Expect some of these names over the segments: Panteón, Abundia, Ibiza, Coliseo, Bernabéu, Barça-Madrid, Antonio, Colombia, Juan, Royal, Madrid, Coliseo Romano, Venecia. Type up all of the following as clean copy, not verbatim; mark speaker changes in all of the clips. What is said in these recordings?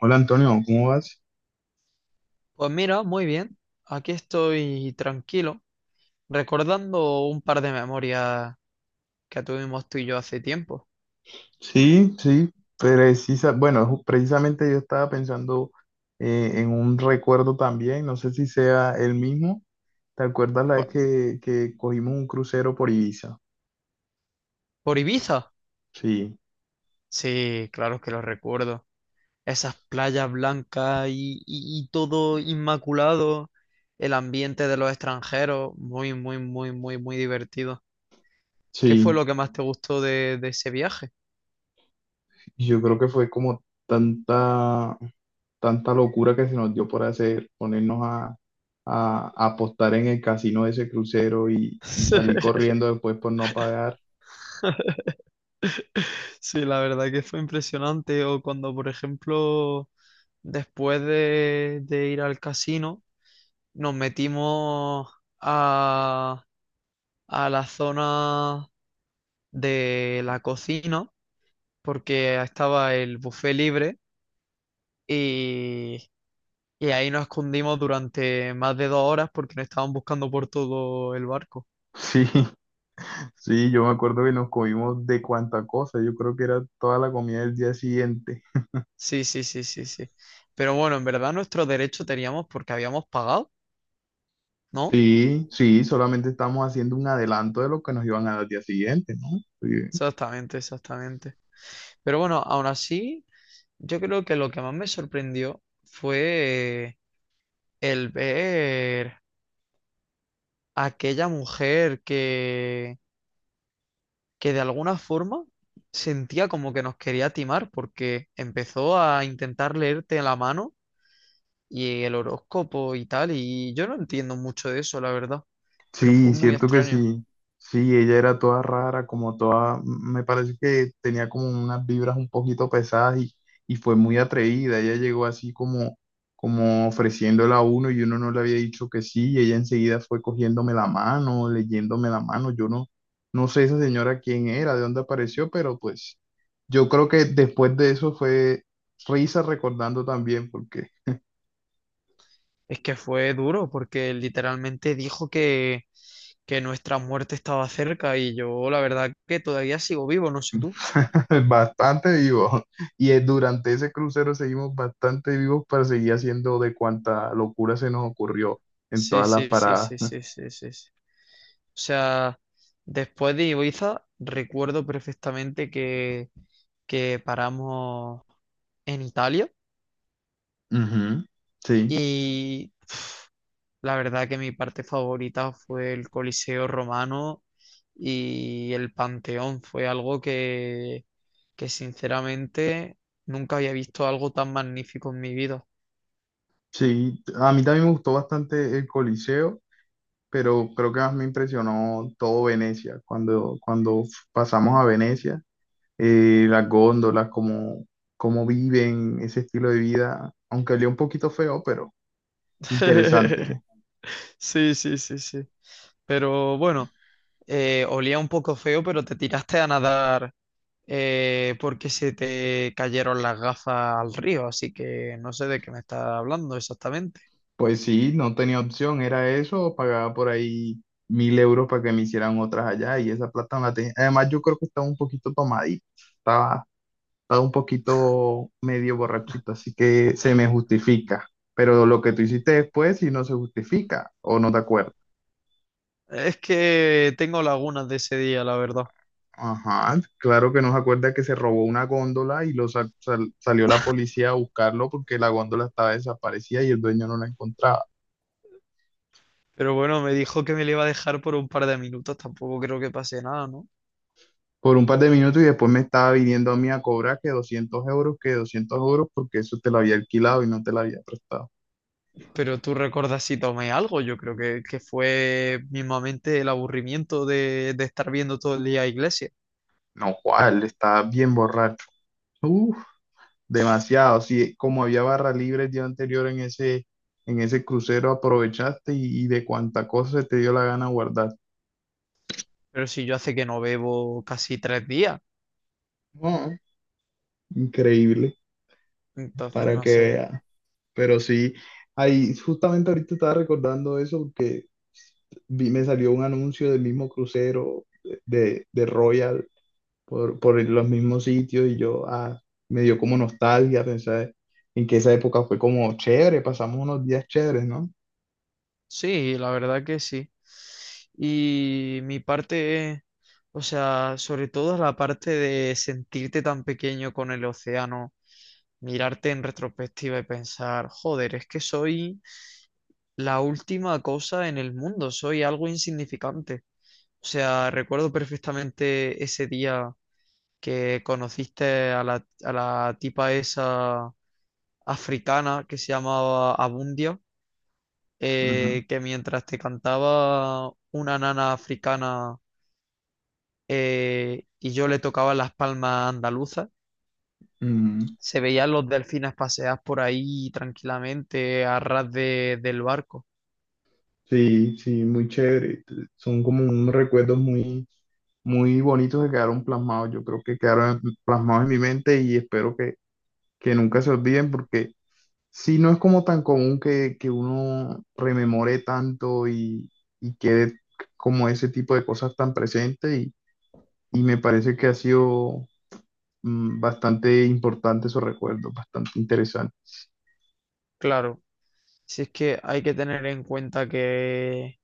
Speaker 1: Hola Antonio, ¿cómo vas?
Speaker 2: Pues mira, muy bien. Aquí estoy tranquilo, recordando un par de memorias que tuvimos tú y yo hace tiempo.
Speaker 1: Sí, sí, bueno, precisamente yo estaba pensando, en un recuerdo también, no sé si sea el mismo. ¿Te acuerdas la
Speaker 2: ¿Por,
Speaker 1: vez que cogimos un crucero por Ibiza?
Speaker 2: por Ibiza?
Speaker 1: Sí,
Speaker 2: Sí, claro que lo recuerdo. Esas playas blancas y todo inmaculado, el ambiente de los extranjeros, muy, muy, muy, muy, muy divertido. ¿Qué fue
Speaker 1: sí,
Speaker 2: lo que más te gustó de ese viaje?
Speaker 1: yo creo que fue como tanta, tanta locura que se nos dio por hacer, ponernos a apostar en el casino de ese crucero y salir corriendo después por no pagar.
Speaker 2: Sí, la verdad que fue impresionante. O cuando, por ejemplo, después de ir al casino, nos metimos a, a la zona de la cocina, porque estaba el buffet libre, y, y ahí nos escondimos durante más de 2 horas porque nos estaban buscando por todo el barco.
Speaker 1: Sí. Sí, yo me acuerdo que nos comimos de cuánta cosa, yo creo que era toda la comida del día siguiente.
Speaker 2: Sí, sí, sí, sí, sí. Pero bueno, en verdad nuestro derecho teníamos porque habíamos pagado, ¿no?
Speaker 1: Sí, sí, solamente estamos haciendo un adelanto de lo que nos iban a dar al día siguiente, ¿no? Sí.
Speaker 2: Exactamente, exactamente. Pero bueno, aún así, yo creo que lo que más me sorprendió fue el ver a aquella mujer que de alguna forma sentía como que nos quería timar porque empezó a intentar leerte la mano y el horóscopo y tal, y yo no entiendo mucho de eso, la verdad, pero fue
Speaker 1: Sí,
Speaker 2: muy
Speaker 1: cierto que
Speaker 2: extraño.
Speaker 1: sí. Sí, ella era toda rara, como toda, me parece que tenía como unas vibras un poquito pesadas y fue muy atrevida. Ella llegó así como ofreciéndola a uno y uno no le había dicho que sí y ella enseguida fue cogiéndome la mano, leyéndome la mano. Yo no, no sé esa señora quién era, de dónde apareció, pero pues yo creo que después de eso fue risa recordando también porque...
Speaker 2: Es que fue duro porque literalmente dijo que nuestra muerte estaba cerca y yo la verdad que todavía sigo vivo, no sé tú.
Speaker 1: Bastante vivos. Y durante ese crucero seguimos bastante vivos para seguir haciendo de cuanta locura se nos ocurrió en
Speaker 2: Sí,
Speaker 1: todas las
Speaker 2: sí, sí,
Speaker 1: paradas.
Speaker 2: sí, sí, sí, sí, sí. O sea, después de Ibiza, recuerdo perfectamente que paramos en Italia
Speaker 1: Ujú. Sí,
Speaker 2: y pf, la verdad que mi parte favorita fue el Coliseo Romano y el Panteón. Fue algo que sinceramente nunca había visto algo tan magnífico en mi vida.
Speaker 1: sí. A mí también me gustó bastante el Coliseo, pero creo que más me impresionó todo Venecia. Cuando pasamos a Venecia, las góndolas, cómo viven, ese estilo de vida, aunque olía un poquito feo, pero interesante.
Speaker 2: Sí, sí, sí, sí. Pero bueno. Olía un poco feo, pero te tiraste a nadar porque se te cayeron las gafas al río, así que no sé de qué me estás hablando exactamente.
Speaker 1: Pues sí, no tenía opción, era eso, o pagaba por ahí 1.000 euros para que me hicieran otras allá y esa plata no la tenía. Además, yo creo que estaba un poquito tomadito, estaba, estaba un poquito medio borrachito, así que se me justifica. Pero lo que tú hiciste después, si no se justifica o no te acuerdas.
Speaker 2: Es que tengo lagunas de ese día, la verdad.
Speaker 1: Ajá, claro que no se acuerda que se robó una góndola y lo salió la policía a buscarlo porque la góndola estaba desaparecida y el dueño no la encontraba.
Speaker 2: Pero bueno, me dijo que me le iba a dejar por un par de minutos, tampoco creo que pase nada, ¿no?
Speaker 1: Por un par de minutos y después me estaba viniendo a mí a cobrar que 200 euros, que 200 euros, porque eso te lo había alquilado y no te lo había prestado.
Speaker 2: Pero tú recuerdas si tomé algo, yo creo que fue mismamente el aburrimiento de estar viendo todo el día iglesia.
Speaker 1: No, Juan, estaba bien borracho. Uf, demasiado. Sí, como había barra libre el día anterior en ese crucero, aprovechaste y de cuánta cosa se te dio la gana guardar.
Speaker 2: Pero si yo hace que no bebo casi 3 días,
Speaker 1: No, increíble,
Speaker 2: entonces
Speaker 1: para
Speaker 2: no
Speaker 1: que
Speaker 2: sé.
Speaker 1: vea. Pero sí, ahí justamente ahorita estaba recordando eso porque vi, me salió un anuncio del mismo crucero de Royal por los mismos sitios y yo, ah, me dio como nostalgia pensar en que esa época fue como chévere, pasamos unos días chéveres, ¿no?
Speaker 2: Sí, la verdad que sí. Y mi parte es, o sea, sobre todo es la parte de sentirte tan pequeño con el océano, mirarte en retrospectiva y pensar, joder, es que soy la última cosa en el mundo, soy algo insignificante. O sea, recuerdo perfectamente ese día que conociste a la tipa esa africana que se llamaba Abundia
Speaker 1: Ujú.
Speaker 2: que mientras te cantaba una nana africana y yo le tocaba las palmas andaluzas,
Speaker 1: Ujú.
Speaker 2: se veían los delfines pasear por ahí tranquilamente a ras de- del barco.
Speaker 1: Sí, sí, muy chévere. Son como unos recuerdos muy, muy bonitos que quedaron plasmados. Yo creo que quedaron plasmados en mi mente y espero que nunca se olviden porque sí, no es como tan común que uno rememore tanto y quede como ese tipo de cosas tan presentes y me parece que ha sido, bastante importante esos recuerdos, bastante interesante.
Speaker 2: Claro, si es que hay que tener en cuenta que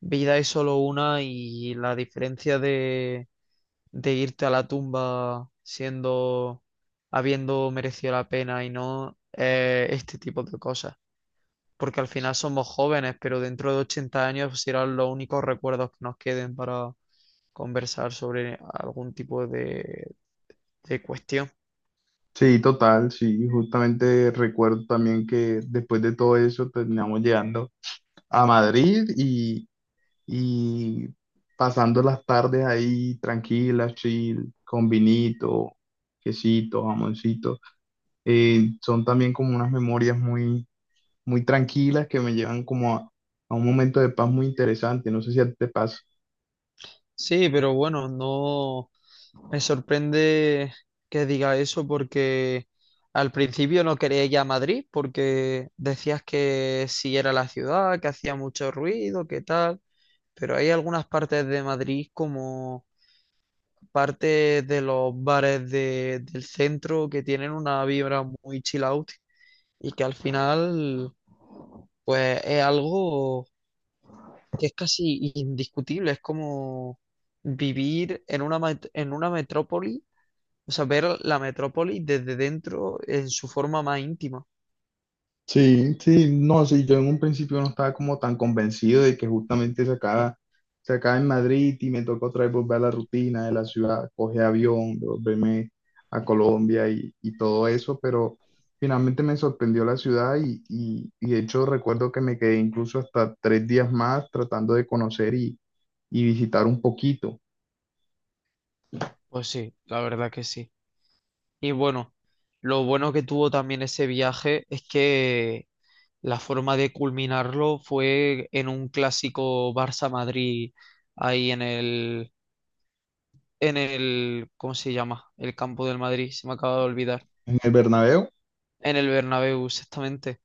Speaker 2: vida es solo una y la diferencia de irte a la tumba siendo, habiendo merecido la pena y no, este tipo de cosas. Porque al final somos jóvenes, pero dentro de 80 años pues, serán los únicos recuerdos que nos queden para conversar sobre algún tipo de cuestión.
Speaker 1: Sí, total, sí, justamente recuerdo también que después de todo eso terminamos llegando a Madrid y pasando las tardes ahí tranquilas, chill, con vinito, quesito, jamoncito. Son también como unas memorias muy, muy tranquilas que me llevan como a un momento de paz muy interesante. No sé si a ti te pasa.
Speaker 2: Sí, pero bueno, no me sorprende que diga eso porque al principio no quería ir a Madrid porque decías que sí era la ciudad, que hacía mucho ruido, que tal, pero hay algunas partes de Madrid como parte de los bares de- del centro que tienen una vibra muy chill out y que al final pues es algo que es casi indiscutible, es como vivir en una, met- en una metrópoli, o sea, ver la metrópoli desde dentro en su forma más íntima.
Speaker 1: Sí, sí, no, sí, yo en un principio no estaba como tan convencido de que justamente se acaba en Madrid y me tocó otra vez volver a la rutina de la ciudad, coger avión, volverme a Colombia y todo eso, pero finalmente me sorprendió la ciudad y de hecho recuerdo que me quedé incluso hasta 3 días más tratando de conocer y visitar un poquito.
Speaker 2: Pues sí, la verdad que sí. Y bueno, lo bueno que tuvo también ese viaje es que la forma de culminarlo fue en un clásico Barça-Madrid, ahí en el, ¿cómo se llama? El campo del Madrid, se me acaba de olvidar.
Speaker 1: En el Bernabéu,
Speaker 2: En el Bernabéu, exactamente.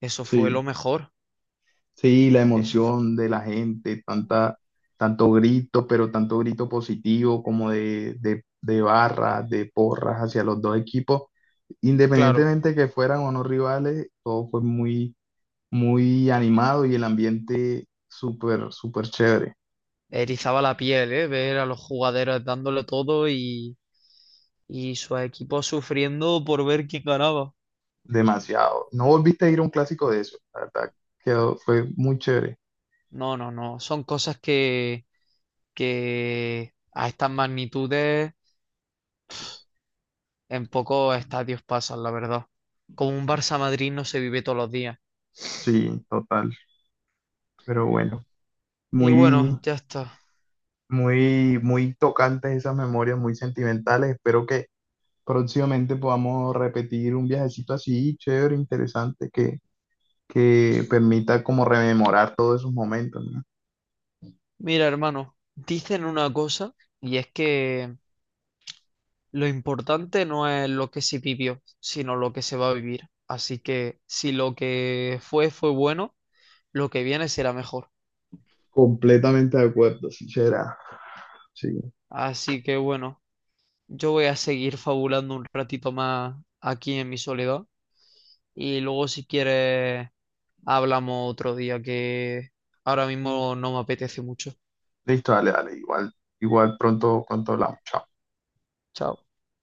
Speaker 2: Eso fue
Speaker 1: sí.
Speaker 2: lo mejor.
Speaker 1: Sí, la
Speaker 2: Eso fue-
Speaker 1: emoción de la gente, tanta, tanto grito, pero tanto grito positivo como de barras, de porras hacia los dos equipos,
Speaker 2: claro,
Speaker 1: independientemente que fueran o no rivales, todo fue muy, muy animado y el ambiente súper, súper chévere,
Speaker 2: erizaba la piel, ¿eh? Ver a los jugadores dándole todo y su equipo sufriendo por ver quién ganaba.
Speaker 1: demasiado. No volviste a ir a un clásico de eso, la verdad, quedó, fue muy chévere.
Speaker 2: No, no, no. Son cosas que a estas magnitudes en pocos estadios pasan, la verdad. Como un Barça-Madrid no se vive todos los días.
Speaker 1: Sí, total, pero bueno,
Speaker 2: Y
Speaker 1: muy,
Speaker 2: bueno, ya está.
Speaker 1: muy, muy tocantes esas memorias, muy sentimentales, espero que próximamente podamos repetir un viajecito así, chévere, interesante, que permita como rememorar todos esos momentos, ¿no?
Speaker 2: Mira, hermano, dicen una cosa y es que lo importante no es lo que se vivió, sino lo que se va a vivir. Así que si lo que fue fue bueno, lo que viene será mejor.
Speaker 1: Completamente de acuerdo, sincera. Sí.
Speaker 2: Así que bueno, yo voy a seguir fabulando un ratito más aquí en mi soledad y luego si quieres hablamos otro día que ahora mismo no me apetece mucho.
Speaker 1: Listo, dale, dale. Igual pronto hablamos. Chao.
Speaker 2: Chao.